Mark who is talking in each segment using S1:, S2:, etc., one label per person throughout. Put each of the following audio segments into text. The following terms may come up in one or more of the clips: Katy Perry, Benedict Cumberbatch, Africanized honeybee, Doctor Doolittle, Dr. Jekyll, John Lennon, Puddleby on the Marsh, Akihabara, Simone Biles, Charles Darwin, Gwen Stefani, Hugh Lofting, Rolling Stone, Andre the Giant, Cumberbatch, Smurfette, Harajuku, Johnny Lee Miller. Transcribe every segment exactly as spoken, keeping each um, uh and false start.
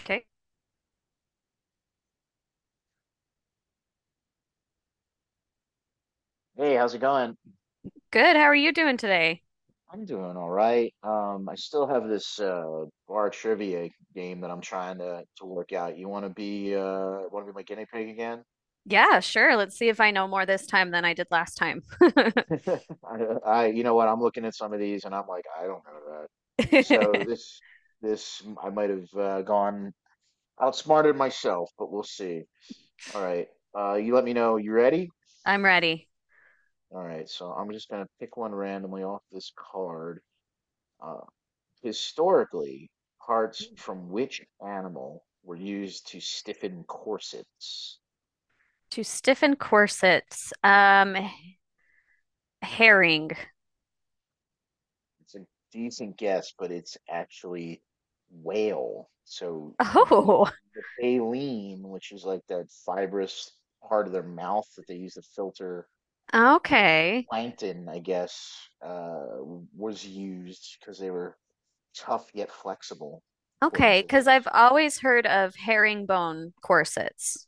S1: Okay.
S2: Hey, how's it going?
S1: Good. How are you doing today?
S2: I'm doing all right. Um, I still have this uh bar trivia game that I'm trying to to work out. You want to be uh want to be my guinea pig again?
S1: Yeah, sure. Let's see if I know more this time than I did last time.
S2: I, I you know what? I'm looking at some of these and I'm like, I don't know that. So this this I might have uh, gone outsmarted myself, but we'll see. All right. Uh, you let me know. You ready?
S1: I'm ready.
S2: All right. So I'm just gonna pick one randomly off this card. Uh, Historically, parts from which animal were used to stiffen corsets?
S1: To stiffen corsets. Um,
S2: Mhm.
S1: herring.
S2: It's a decent guess, but it's actually whale. So the
S1: Oh,
S2: ba- the baleen, which is like that fibrous part of their mouth that they use to filter like
S1: okay.
S2: plankton, I guess, uh, was used because they were tough yet flexible, according
S1: Okay,
S2: to
S1: because I've
S2: this.
S1: always heard of herringbone corsets.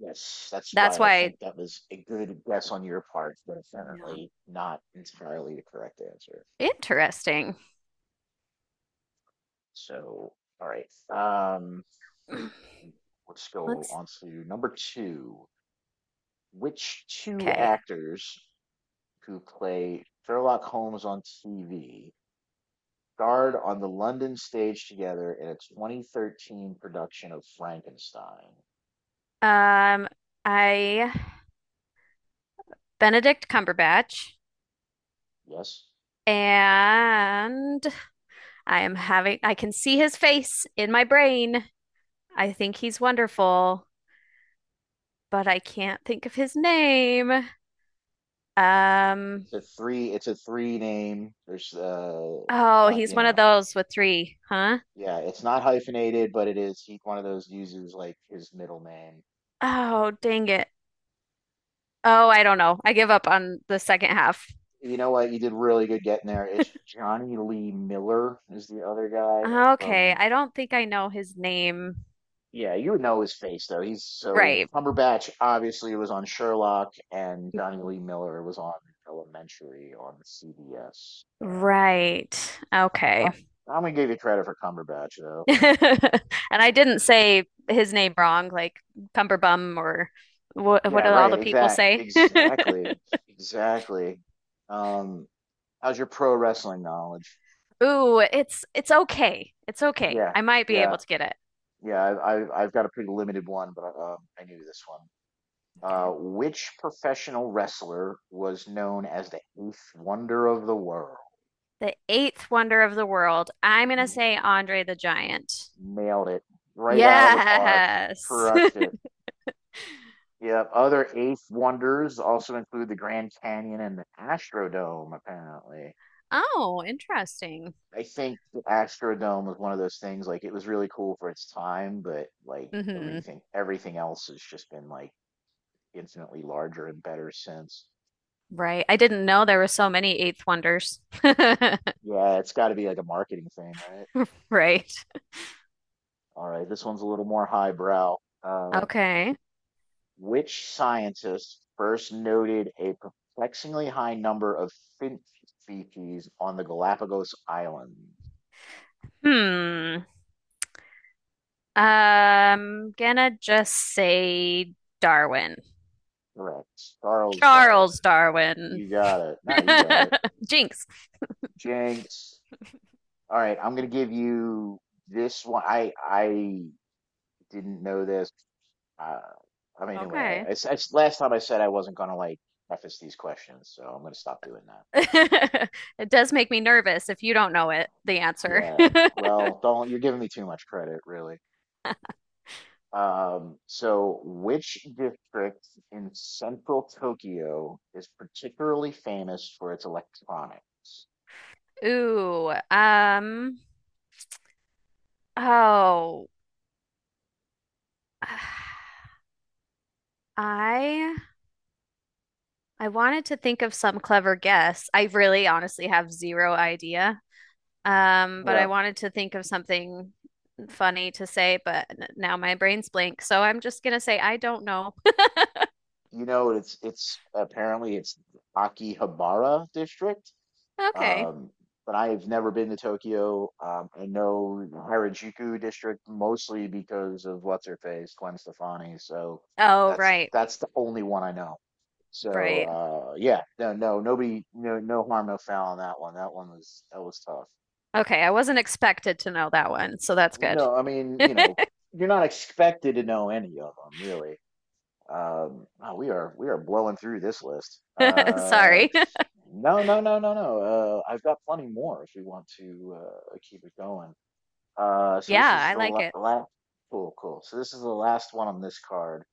S2: Yes, that's
S1: That's
S2: why I
S1: why,
S2: think that was a good guess on your part, but
S1: yeah.
S2: apparently not entirely the correct answer.
S1: Interesting.
S2: So, all right. Um, let's go
S1: Let's,
S2: on to number two. Which two
S1: okay.
S2: actors who play Sherlock Holmes on T V starred on the London stage together in a twenty thirteen production of Frankenstein?
S1: Um, I Benedict Cumberbatch
S2: Yes.
S1: and I am having, I can see his face in my brain. I think he's wonderful, but I can't think of his name. Um,
S2: It's a three, it's a three name. There's uh
S1: oh,
S2: li-
S1: he's
S2: you
S1: one of
S2: know,
S1: those with three, huh?
S2: yeah, it's not hyphenated, but it is he, one of those uses like his middle name.
S1: Oh, dang it. Oh, I don't know. I give up on the second half.
S2: You know what? You did really good getting there. It's Johnny Lee Miller is the other guy
S1: Okay,
S2: from.
S1: I don't think I know his name.
S2: Yeah, you would know his face though. He's so
S1: Right.
S2: Cumberbatch obviously was on Sherlock, and Johnny Lee
S1: Mhm.
S2: Miller was on Elementary on C B S apparently.
S1: Right. Okay.
S2: Oh, I'm gonna give you credit for Cumberbatch though.
S1: And I didn't say his name wrong, like Cumberbum or what, what
S2: Yeah,
S1: do all
S2: right.
S1: the people
S2: Exact.
S1: say?
S2: Exactly. Exactly. Um, how's your pro wrestling knowledge?
S1: Ooh, it's it's okay. It's okay.
S2: Yeah,
S1: I might be
S2: yeah,
S1: able to get it.
S2: yeah. I, I, I've got a pretty limited one, but uh, um, I knew this one. Uh,
S1: Okay.
S2: which professional wrestler was known as the eighth wonder of the world?
S1: The eighth wonder of the world. I'm gonna say
S2: Mhm.
S1: Andre the Giant.
S2: Nailed it right out of the park.
S1: Yes.
S2: Crushed it. Yep. Other eighth wonders also include the Grand Canyon and the Astrodome, apparently.
S1: Oh, interesting.
S2: I think the Astrodome was one of those things, like it was really cool for its time, but like
S1: Hmm.
S2: everything everything else has just been like infinitely larger and better sense.
S1: Right. I didn't know there were so many eighth wonders.
S2: Yeah, it's got to be like a marketing thing, right?
S1: Right.
S2: All right, this one's a little more highbrow. Uh,
S1: Okay.
S2: which scientist first noted a perplexingly high number of finch species on the Galapagos Islands?
S1: Hmm. Um. gonna just say Darwin.
S2: Correct. Charles Darwin.
S1: Charles Darwin.
S2: You got it. No, you got it.
S1: Jinx.
S2: Jinx. All right, I'm gonna give you this one. I I didn't know this. Uh, I mean, anyway,
S1: Okay.
S2: I, I s- I s- last time I said I wasn't gonna like preface these questions, so I'm gonna stop doing that.
S1: It does make me nervous if you don't know it, the answer.
S2: Yeah, well, don't, you're giving me too much credit, really. Um, so which district in central Tokyo is particularly famous for its electronics?
S1: Ooh, um, oh, I I wanted to think of some clever guess. I really honestly have zero idea. Um, but I
S2: Yeah,
S1: wanted to think of something funny to say, but n- now my brain's blank, so I'm just gonna say I don't know.
S2: you know, it's it's apparently it's Akihabara district.
S1: Okay.
S2: Um, but I've never been to Tokyo. Um, I know the Harajuku district mostly because of what's her face, Gwen Stefani. So
S1: Oh,
S2: that's
S1: right,
S2: that's the only one I know. So
S1: right.
S2: uh, yeah, no, no, nobody, no, no harm, no foul on that one. That one was That was tough.
S1: Okay, I wasn't expected to know that one, so that's good.
S2: No, I mean, you know, you're not expected to know any of them really. Um, wow, we are we are blowing through this list. Uh,
S1: Sorry.
S2: no, no, no, no, no. Uh, I've got plenty more if we want to uh, keep it going. Uh, so
S1: Yeah,
S2: this is
S1: I
S2: the
S1: like
S2: la-
S1: it.
S2: Last. Cool, cool. So this is the last one on this card.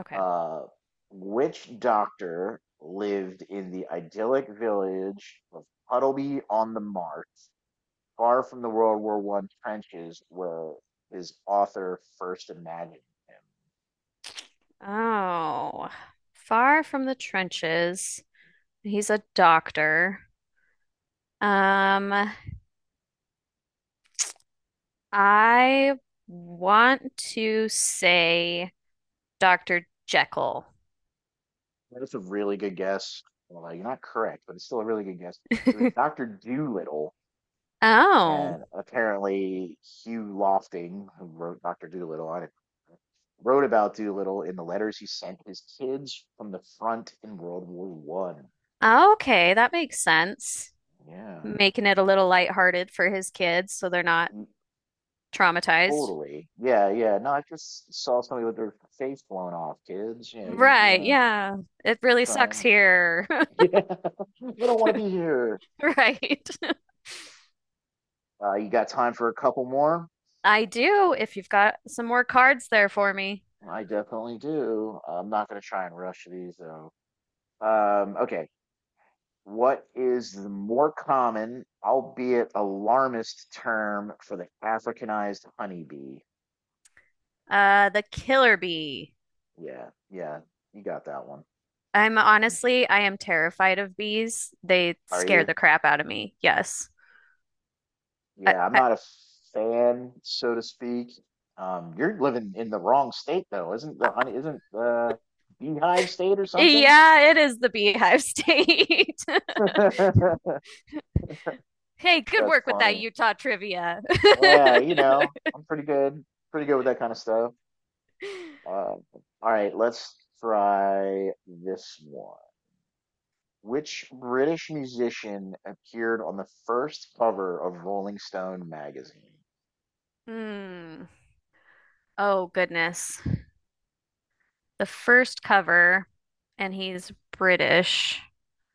S1: Okay.
S2: Uh, which doctor lived in the idyllic village of Puddleby on the Marsh, far from the World War One trenches where his author first imagined him?
S1: Oh, far from the trenches. He's a doctor. Um, I want to say doctor Jekyll.
S2: That's a really good guess. Well, you're not correct, but it's still a really good guess. It was Doctor Doolittle,
S1: Oh,
S2: and apparently Hugh Lofting, who wrote Doctor Doolittle. I didn't Wrote about Doolittle in the letters he sent his kids from the front in World War One. So,
S1: okay, that makes sense.
S2: yeah.
S1: Making it a little lighthearted for his kids so they're not
S2: Mm,
S1: traumatized.
S2: totally. Yeah, yeah. No, I just saw somebody with their face blown off, kids. Yeah, you're you're
S1: Right,
S2: gonna
S1: yeah. It really
S2: try
S1: sucks
S2: and
S1: here.
S2: yeah. We don't want to be here.
S1: Right.
S2: Uh, you got time for a couple more?
S1: I do, if you've got some more cards there for me.
S2: I definitely do. I'm not gonna try and rush these though. Um, okay. What is the more common, albeit alarmist, term for the Africanized honeybee?
S1: Uh, the killer bee.
S2: Yeah, yeah, you got that one.
S1: I'm
S2: Mm,
S1: honestly, I am terrified of bees. They
S2: are
S1: scare
S2: you?
S1: the crap out of me. Yes. I,
S2: Yeah, I'm
S1: I,
S2: not a fan, so to speak. Um, you're living in the wrong state though, isn't the honey, isn't the beehive state or something?
S1: yeah, it is the beehive state.
S2: That's
S1: Hey, good work with that
S2: funny.
S1: Utah trivia.
S2: Yeah, you know, I'm pretty good, pretty good with that kind of stuff. Uh, all right, let's try this one. Which British musician appeared on the first cover of Rolling Stone magazine?
S1: Hmm. Oh, goodness. The first cover, and he's British.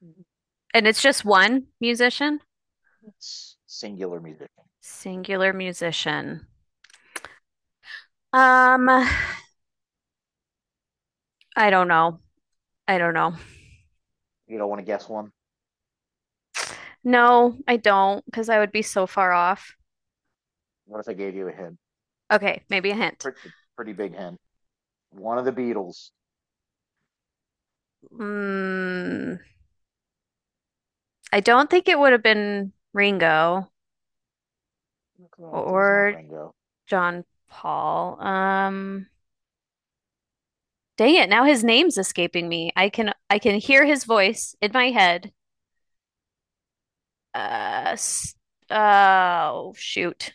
S2: Mhm.
S1: And it's just one musician?
S2: S- Singular musician.
S1: Singular musician. Um, I don't know. I don't know.
S2: You don't want to guess one?
S1: No, I don't, because I would be so far off.
S2: What if I gave you a hint?
S1: Okay, maybe a hint.
S2: Pretty, pretty big hint. One of the Beatles.
S1: Mm, I don't think it would have been Ringo
S2: Correct. It is not
S1: or
S2: Ringo.
S1: John Paul. Um, dang it, now his name's escaping me. I can I can hear his voice in my head. Uh, s- oh shoot.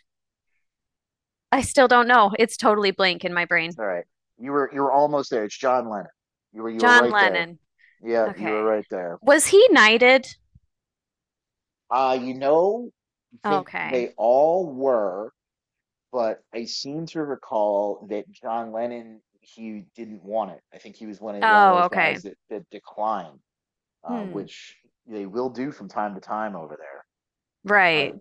S1: I still don't know. It's totally blank in my brain.
S2: All right. You were you were almost there. It's John Lennon. You were you were
S1: John
S2: right there.
S1: Lennon.
S2: Yeah, you were
S1: Okay.
S2: right there.
S1: Was he knighted?
S2: Uh, you know, I think
S1: Okay.
S2: they all were, but I seem to recall that John Lennon, he didn't want it. I think he was one of one of
S1: Oh,
S2: those guys
S1: okay.
S2: that that declined, uh,
S1: Hmm.
S2: which they will do from time to time over there. All right,
S1: Right.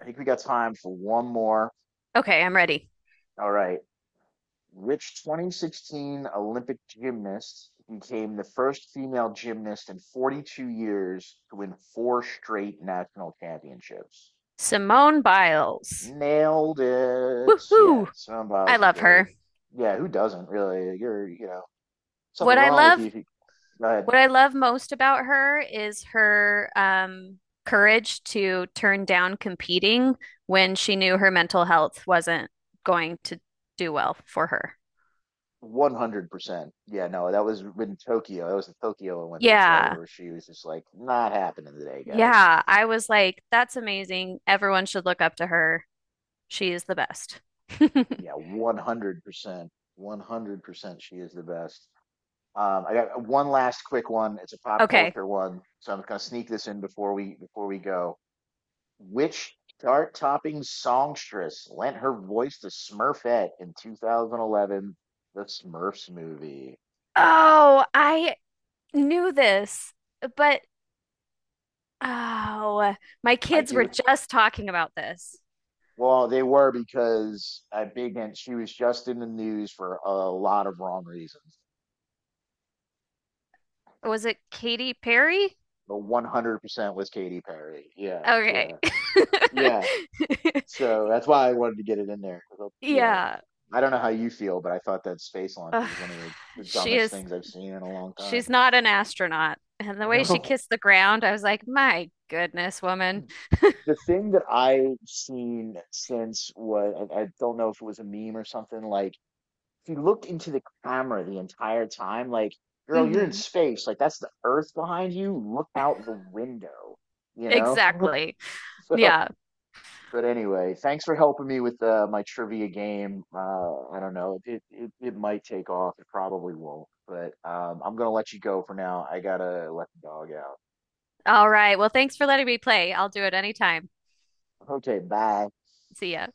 S2: I think we got time for one more.
S1: Okay, I'm ready.
S2: All right. Which twenty sixteen Olympic gymnast became the first female gymnast in forty-two years to win four straight national championships?
S1: Simone Biles.
S2: Nailed it. Yeah,
S1: Woohoo!
S2: Simone
S1: I
S2: Biles is
S1: love
S2: great.
S1: her.
S2: Yeah, who doesn't really? You're, you know, something
S1: What I
S2: wrong with you
S1: love,
S2: if you go ahead.
S1: what I love most about her is her um, courage to turn down competing when she knew her mental health wasn't going to do well for her.
S2: one hundred percent. Yeah, no, that was in Tokyo. That was the Tokyo Olympics, right?
S1: Yeah.
S2: Or she was just like, not happening today, guys.
S1: Yeah. I was like, that's amazing. Everyone should look up to her. She is the best.
S2: Yeah, one hundred percent. one hundred percent she is the best. Um, I got one last quick one. It's a pop
S1: Okay.
S2: culture one, so I'm gonna sneak this in before we before we go. Which chart-topping songstress lent her voice to Smurfette in two thousand eleven, the Smurfs movie?
S1: Oh, I knew this, but oh, my
S2: I
S1: kids were
S2: do.
S1: just talking about this.
S2: Well, they were because I big and she was just in the news for a lot of wrong reasons,
S1: Was it Katy Perry?
S2: but one hundred percent was Katy Perry. Yeah,
S1: Okay.
S2: yeah, yeah. So that's why I wanted to get it in there. You know,
S1: Yeah.
S2: I don't know how you feel, but I thought that space launch
S1: Ugh.
S2: was one of the, the
S1: She
S2: dumbest
S1: is
S2: things I've seen in a long time.
S1: she's not an astronaut. And the way she
S2: No.
S1: kissed the ground, I was like, "My goodness, woman."
S2: The thing that I've seen since was, I, I don't know if it was a meme or something, like if you look into the camera the entire time, like, girl, you're in
S1: Hmm.
S2: space. Like, that's the Earth behind you. Look out the window, you know?
S1: Exactly.
S2: So.
S1: Yeah.
S2: But anyway, thanks for helping me with uh, my trivia game. Uh, I don't know. It, it it might take off. It probably won't. But um, I'm gonna let you go for now. I gotta let the dog out.
S1: All right. Well, thanks for letting me play. I'll do it anytime.
S2: Okay, bye.
S1: See ya.